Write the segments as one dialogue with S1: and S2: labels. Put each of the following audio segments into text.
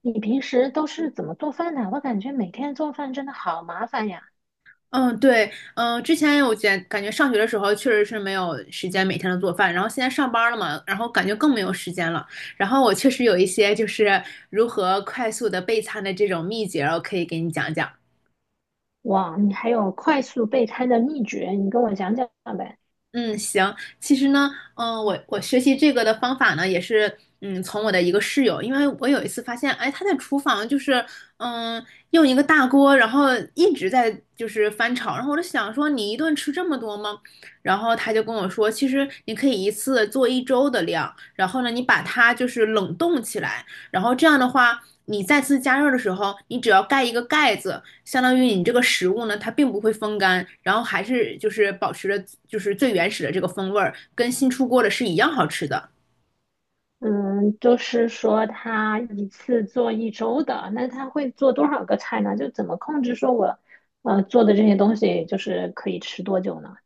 S1: 你平时都是怎么做饭的？我感觉每天做饭真的好麻烦呀。
S2: 嗯，对，之前我感觉上学的时候确实是没有时间每天都做饭，然后现在上班了嘛，然后感觉更没有时间了。然后我确实有一些就是如何快速的备餐的这种秘诀，我可以给你讲讲。
S1: 哇，你还有快速备餐的秘诀，你跟我讲讲呗。
S2: 嗯，行。其实呢，我学习这个的方法呢，也是从我的一个室友，因为我有一次发现，哎，他在厨房就是嗯，用一个大锅，然后一直在就是翻炒，然后我就想说，你一顿吃这么多吗？然后他就跟我说，其实你可以一次做一周的量，然后呢，你把它就是冷冻起来，然后这样的话，你再次加热的时候，你只要盖一个盖子，相当于你这个食物呢，它并不会风干，然后还是就是保持着就是最原始的这个风味儿，跟新出锅的是一样好吃的。
S1: 嗯，就是说他一次做一周的，那他会做多少个菜呢？就怎么控制说我，呃，做的这些东西就是可以吃多久呢？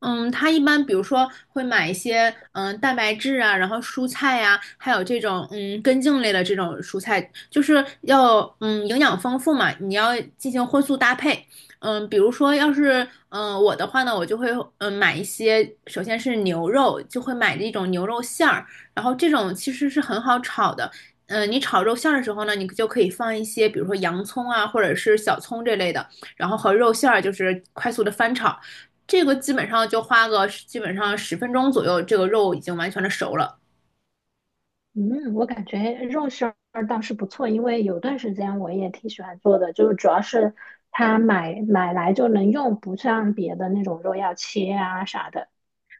S2: 嗯，他一般比如说会买一些蛋白质啊，然后蔬菜呀、还有这种根茎类的这种蔬菜，就是要营养丰富嘛，你要进行荤素搭配。比如说要是我的话呢，我就会买一些，首先是牛肉，就会买这种牛肉馅儿，然后这种其实是很好炒的。你炒肉馅儿的时候呢，你就可以放一些，比如说洋葱啊，或者是小葱这类的，然后和肉馅儿就是快速的翻炒。这个基本上就花个基本上十分钟左右，这个肉已经完全的熟了。
S1: 嗯，我感觉肉馅儿倒是不错，因为有段时间我也挺喜欢做的，就是主要是它买来就能用，不像别的那种肉要切啊啥的。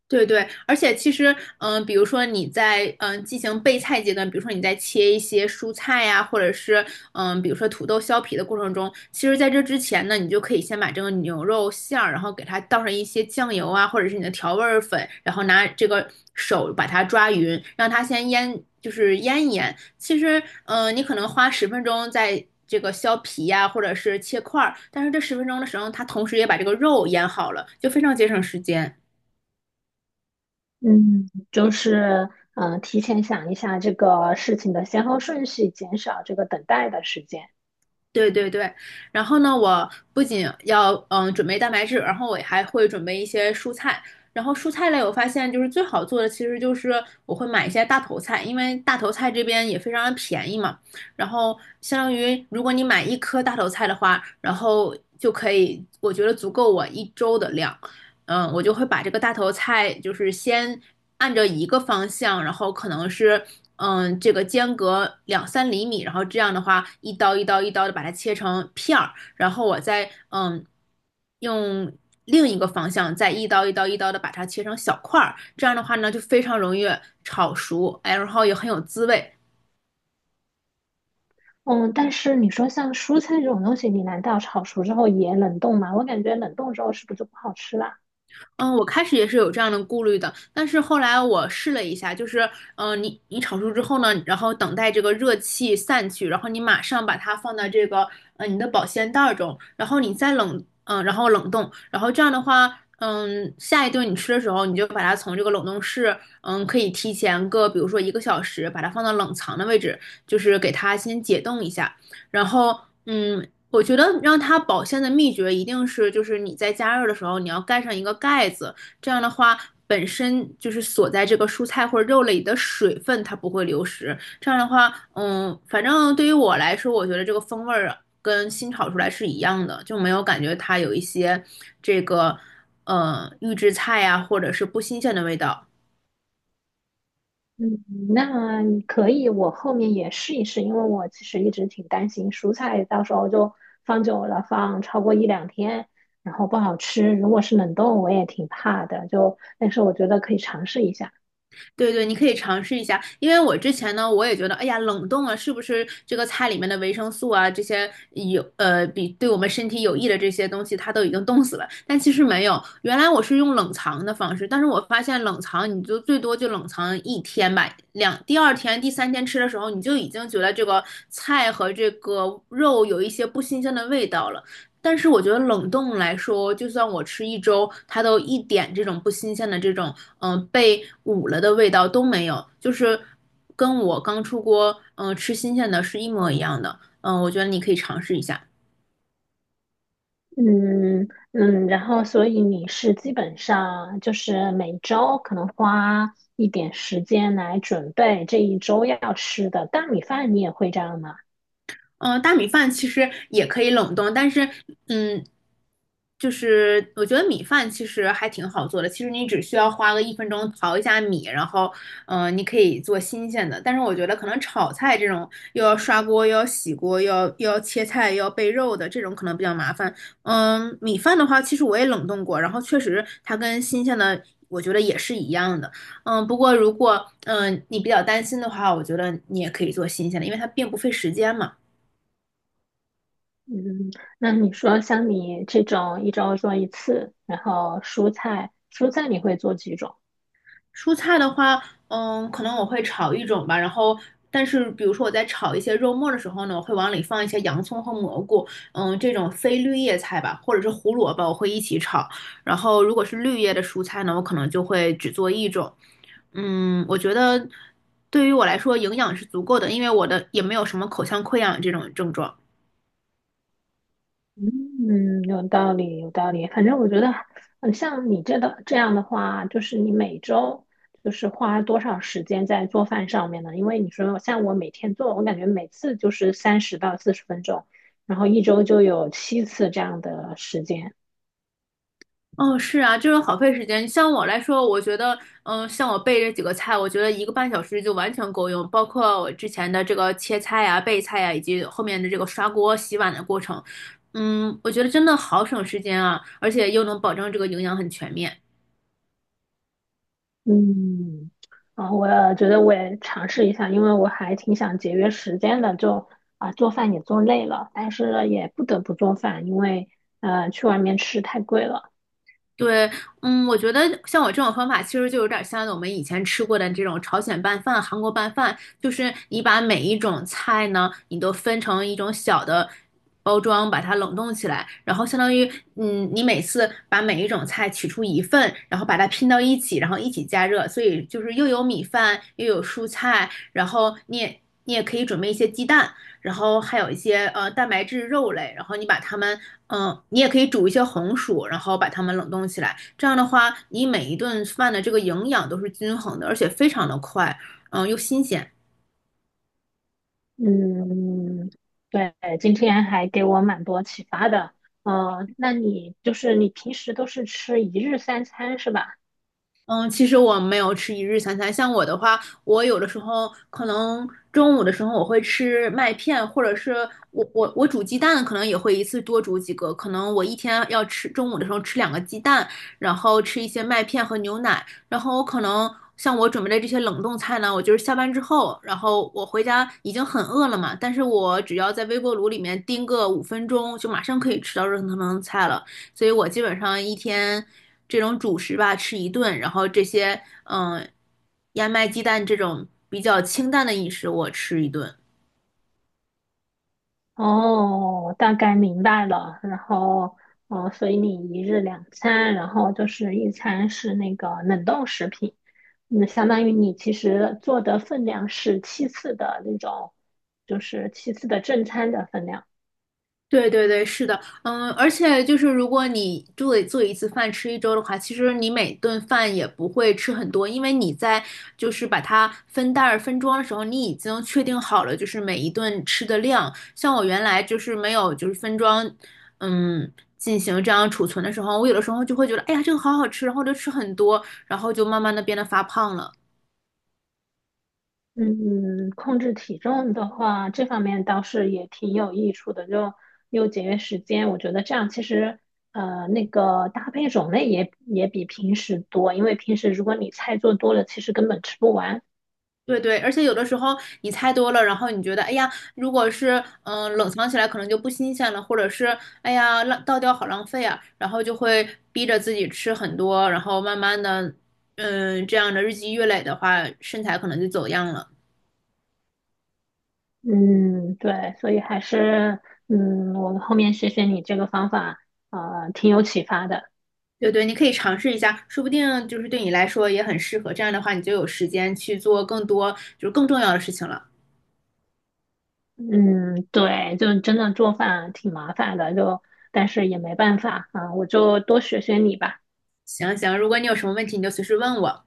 S2: 对对，而且其实，比如说你在进行备菜阶段，比如说你在切一些蔬菜呀、或者是比如说土豆削皮的过程中，其实在这之前呢，你就可以先把这个牛肉馅儿，然后给它倒上一些酱油啊，或者是你的调味儿粉，然后拿这个手把它抓匀，让它先腌，就是腌一腌。其实，你可能花十分钟在这个削皮呀、或者是切块儿，但是这十分钟的时候，它同时也把这个肉腌好了，就非常节省时间。
S1: 嗯，就是提前想一下这个事情的先后顺序，减少这个等待的时间。
S2: 对对对，然后呢，我不仅要准备蛋白质，然后我还会准备一些蔬菜。然后蔬菜类，我发现就是最好做的，其实就是我会买一些大头菜，因为大头菜这边也非常的便宜嘛。然后相当于如果你买一颗大头菜的话，然后就可以，我觉得足够我一周的量。我就会把这个大头菜就是先按着一个方向，然后可能是这个间隔两三厘米，然后这样的话，一刀一刀一刀的把它切成片儿，然后我再用另一个方向再一刀一刀一刀的把它切成小块儿，这样的话呢就非常容易炒熟，哎，然后也很有滋味。
S1: 嗯，但是你说像蔬菜这种东西，你难道炒熟之后也冷冻吗？我感觉冷冻之后是不是就不好吃啦？
S2: 嗯，我开始也是有这样的顾虑的，但是后来我试了一下，就是，你炒熟之后呢，然后等待这个热气散去，然后你马上把它放到这个，你的保鲜袋儿中，然后你再冷冻，然后这样的话，下一顿你吃的时候，你就把它从这个冷冻室，可以提前个，比如说一个小时，把它放到冷藏的位置，就是给它先解冻一下，然后，嗯，我觉得让它保鲜的秘诀一定是，就是你在加热的时候，你要盖上一个盖子，这样的话，本身就是锁在这个蔬菜或者肉类里的水分，它不会流失。这样的话，反正对于我来说，我觉得这个风味儿跟新炒出来是一样的，就没有感觉它有一些这个预制菜呀、或者是不新鲜的味道。
S1: 嗯，那可以，我后面也试一试，因为我其实一直挺担心蔬菜到时候就放久了，放超过一两天，然后不好吃。如果是冷冻，我也挺怕的，就但是我觉得可以尝试一下。
S2: 对对，你可以尝试一下，因为我之前呢，我也觉得，哎呀，冷冻啊，是不是这个菜里面的维生素啊，这些有比对我们身体有益的这些东西，它都已经冻死了。但其实没有，原来我是用冷藏的方式，但是我发现冷藏你就最多就冷藏一天吧，第二天、第三天吃的时候，你就已经觉得这个菜和这个肉有一些不新鲜的味道了。但是我觉得冷冻来说，就算我吃一周，它都一点这种不新鲜的这种，被捂了的味道都没有，就是跟我刚出锅，吃新鲜的是一模一样的。嗯、我觉得你可以尝试一下。
S1: 嗯嗯，然后所以你是基本上就是每周可能花一点时间来准备这一周要吃的大米饭，你也会这样吗？
S2: 嗯、大米饭其实也可以冷冻，但是，嗯，就是我觉得米饭其实还挺好做的，其实你只需要花个一分钟淘一下米，然后，你可以做新鲜的。但是我觉得可能炒菜这种又要刷锅，又要洗锅，又要切菜，又要备肉的这种可能比较麻烦。米饭的话，其实我也冷冻过，然后确实它跟新鲜的，我觉得也是一样的。不过如果你比较担心的话，我觉得你也可以做新鲜的，因为它并不费时间嘛。
S1: 嗯，那你说像你这种一周做一次，然后蔬菜你会做几种？
S2: 蔬菜的话，可能我会炒一种吧，然后，但是比如说我在炒一些肉末的时候呢，我会往里放一些洋葱和蘑菇，这种非绿叶菜吧，或者是胡萝卜，我会一起炒。然后，如果是绿叶的蔬菜呢，我可能就会只做一种。我觉得对于我来说，营养是足够的，因为我的也没有什么口腔溃疡这种症状。
S1: 嗯，有道理，有道理。反正我觉得，嗯，像你这的这样的话，就是你每周就是花多少时间在做饭上面呢？因为你说像我每天做，我感觉每次就是30到40分钟，然后一周就有七次这样的时间。
S2: 哦，是啊，就是好费时间。像我来说，我觉得，像我备这几个菜，我觉得一个半小时就完全够用，包括我之前的这个切菜呀、备菜呀，以及后面的这个刷锅、洗碗的过程。我觉得真的好省时间啊，而且又能保证这个营养很全面。
S1: 嗯，啊，我觉得我也尝试一下，因为我还挺想节约时间的，就做饭也做累了，但是也不得不做饭，因为去外面吃太贵了。
S2: 对，我觉得像我这种方法，其实就有点像我们以前吃过的这种朝鲜拌饭、韩国拌饭，就是你把每一种菜呢，你都分成一种小的包装，把它冷冻起来，然后相当于，你每次把每一种菜取出一份，然后把它拼到一起，然后一起加热，所以就是又有米饭，又有蔬菜，然后你也可以准备一些鸡蛋，然后还有一些蛋白质肉类，然后你把它们，你也可以煮一些红薯，然后把它们冷冻起来。这样的话，你每一顿饭的这个营养都是均衡的，而且非常的快，又新鲜。
S1: 嗯，对，今天还给我蛮多启发的。那你就是你平时都是吃一日三餐是吧？
S2: 嗯，其实我没有吃一日三餐。像我的话，我有的时候可能中午的时候我会吃麦片，或者是我煮鸡蛋，可能也会一次多煮几个。可能我一天要吃中午的时候吃两个鸡蛋，然后吃一些麦片和牛奶。然后我可能像我准备的这些冷冻菜呢，我就是下班之后，然后我回家已经很饿了嘛，但是我只要在微波炉里面叮个5分钟，就马上可以吃到热腾腾的菜了。所以我基本上一天这种主食吧吃一顿，然后这些嗯、呃燕麦鸡蛋这种比较清淡的饮食我吃一顿。
S1: 哦，大概明白了。然后，哦，所以你一日两餐，然后就是一餐是那个冷冻食品，那相当于你其实做的分量是七次的那种，就是七次的正餐的分量。
S2: 对对对，是的，而且就是如果你做一次饭吃一周的话，其实你每顿饭也不会吃很多，因为你在就是把它分袋儿分装的时候，你已经确定好了就是每一顿吃的量。像我原来就是没有就是分装，嗯，进行这样储存的时候，我有的时候就会觉得，哎呀，这个好好吃，然后就吃很多，然后就慢慢的变得发胖了。
S1: 嗯，控制体重的话，这方面倒是也挺有益处的，就又节约时间。我觉得这样其实，呃，那个搭配种类也比平时多，因为平时如果你菜做多了，其实根本吃不完。
S2: 对对，而且有的时候你猜多了，然后你觉得，哎呀，如果是冷藏起来可能就不新鲜了，或者是哎呀倒掉好浪费啊，然后就会逼着自己吃很多，然后慢慢的，这样的日积月累的话，身材可能就走样了。
S1: 嗯，对，所以还是，嗯，我后面学学你这个方法，呃，挺有启发的。
S2: 对对，你可以尝试一下，说不定就是对你来说也很适合。这样的话，你就有时间去做更多就是更重要的事情了。
S1: 嗯，对，就真的做饭挺麻烦的，就但是也没办法啊，我就多学学你吧。
S2: 行行，如果你有什么问题，你就随时问我。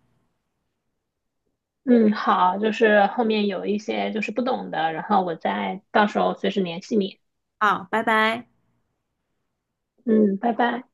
S1: 嗯，好，就是后面有一些就是不懂的，然后我再到时候随时联系你。
S2: 好，拜拜。
S1: 嗯，拜拜。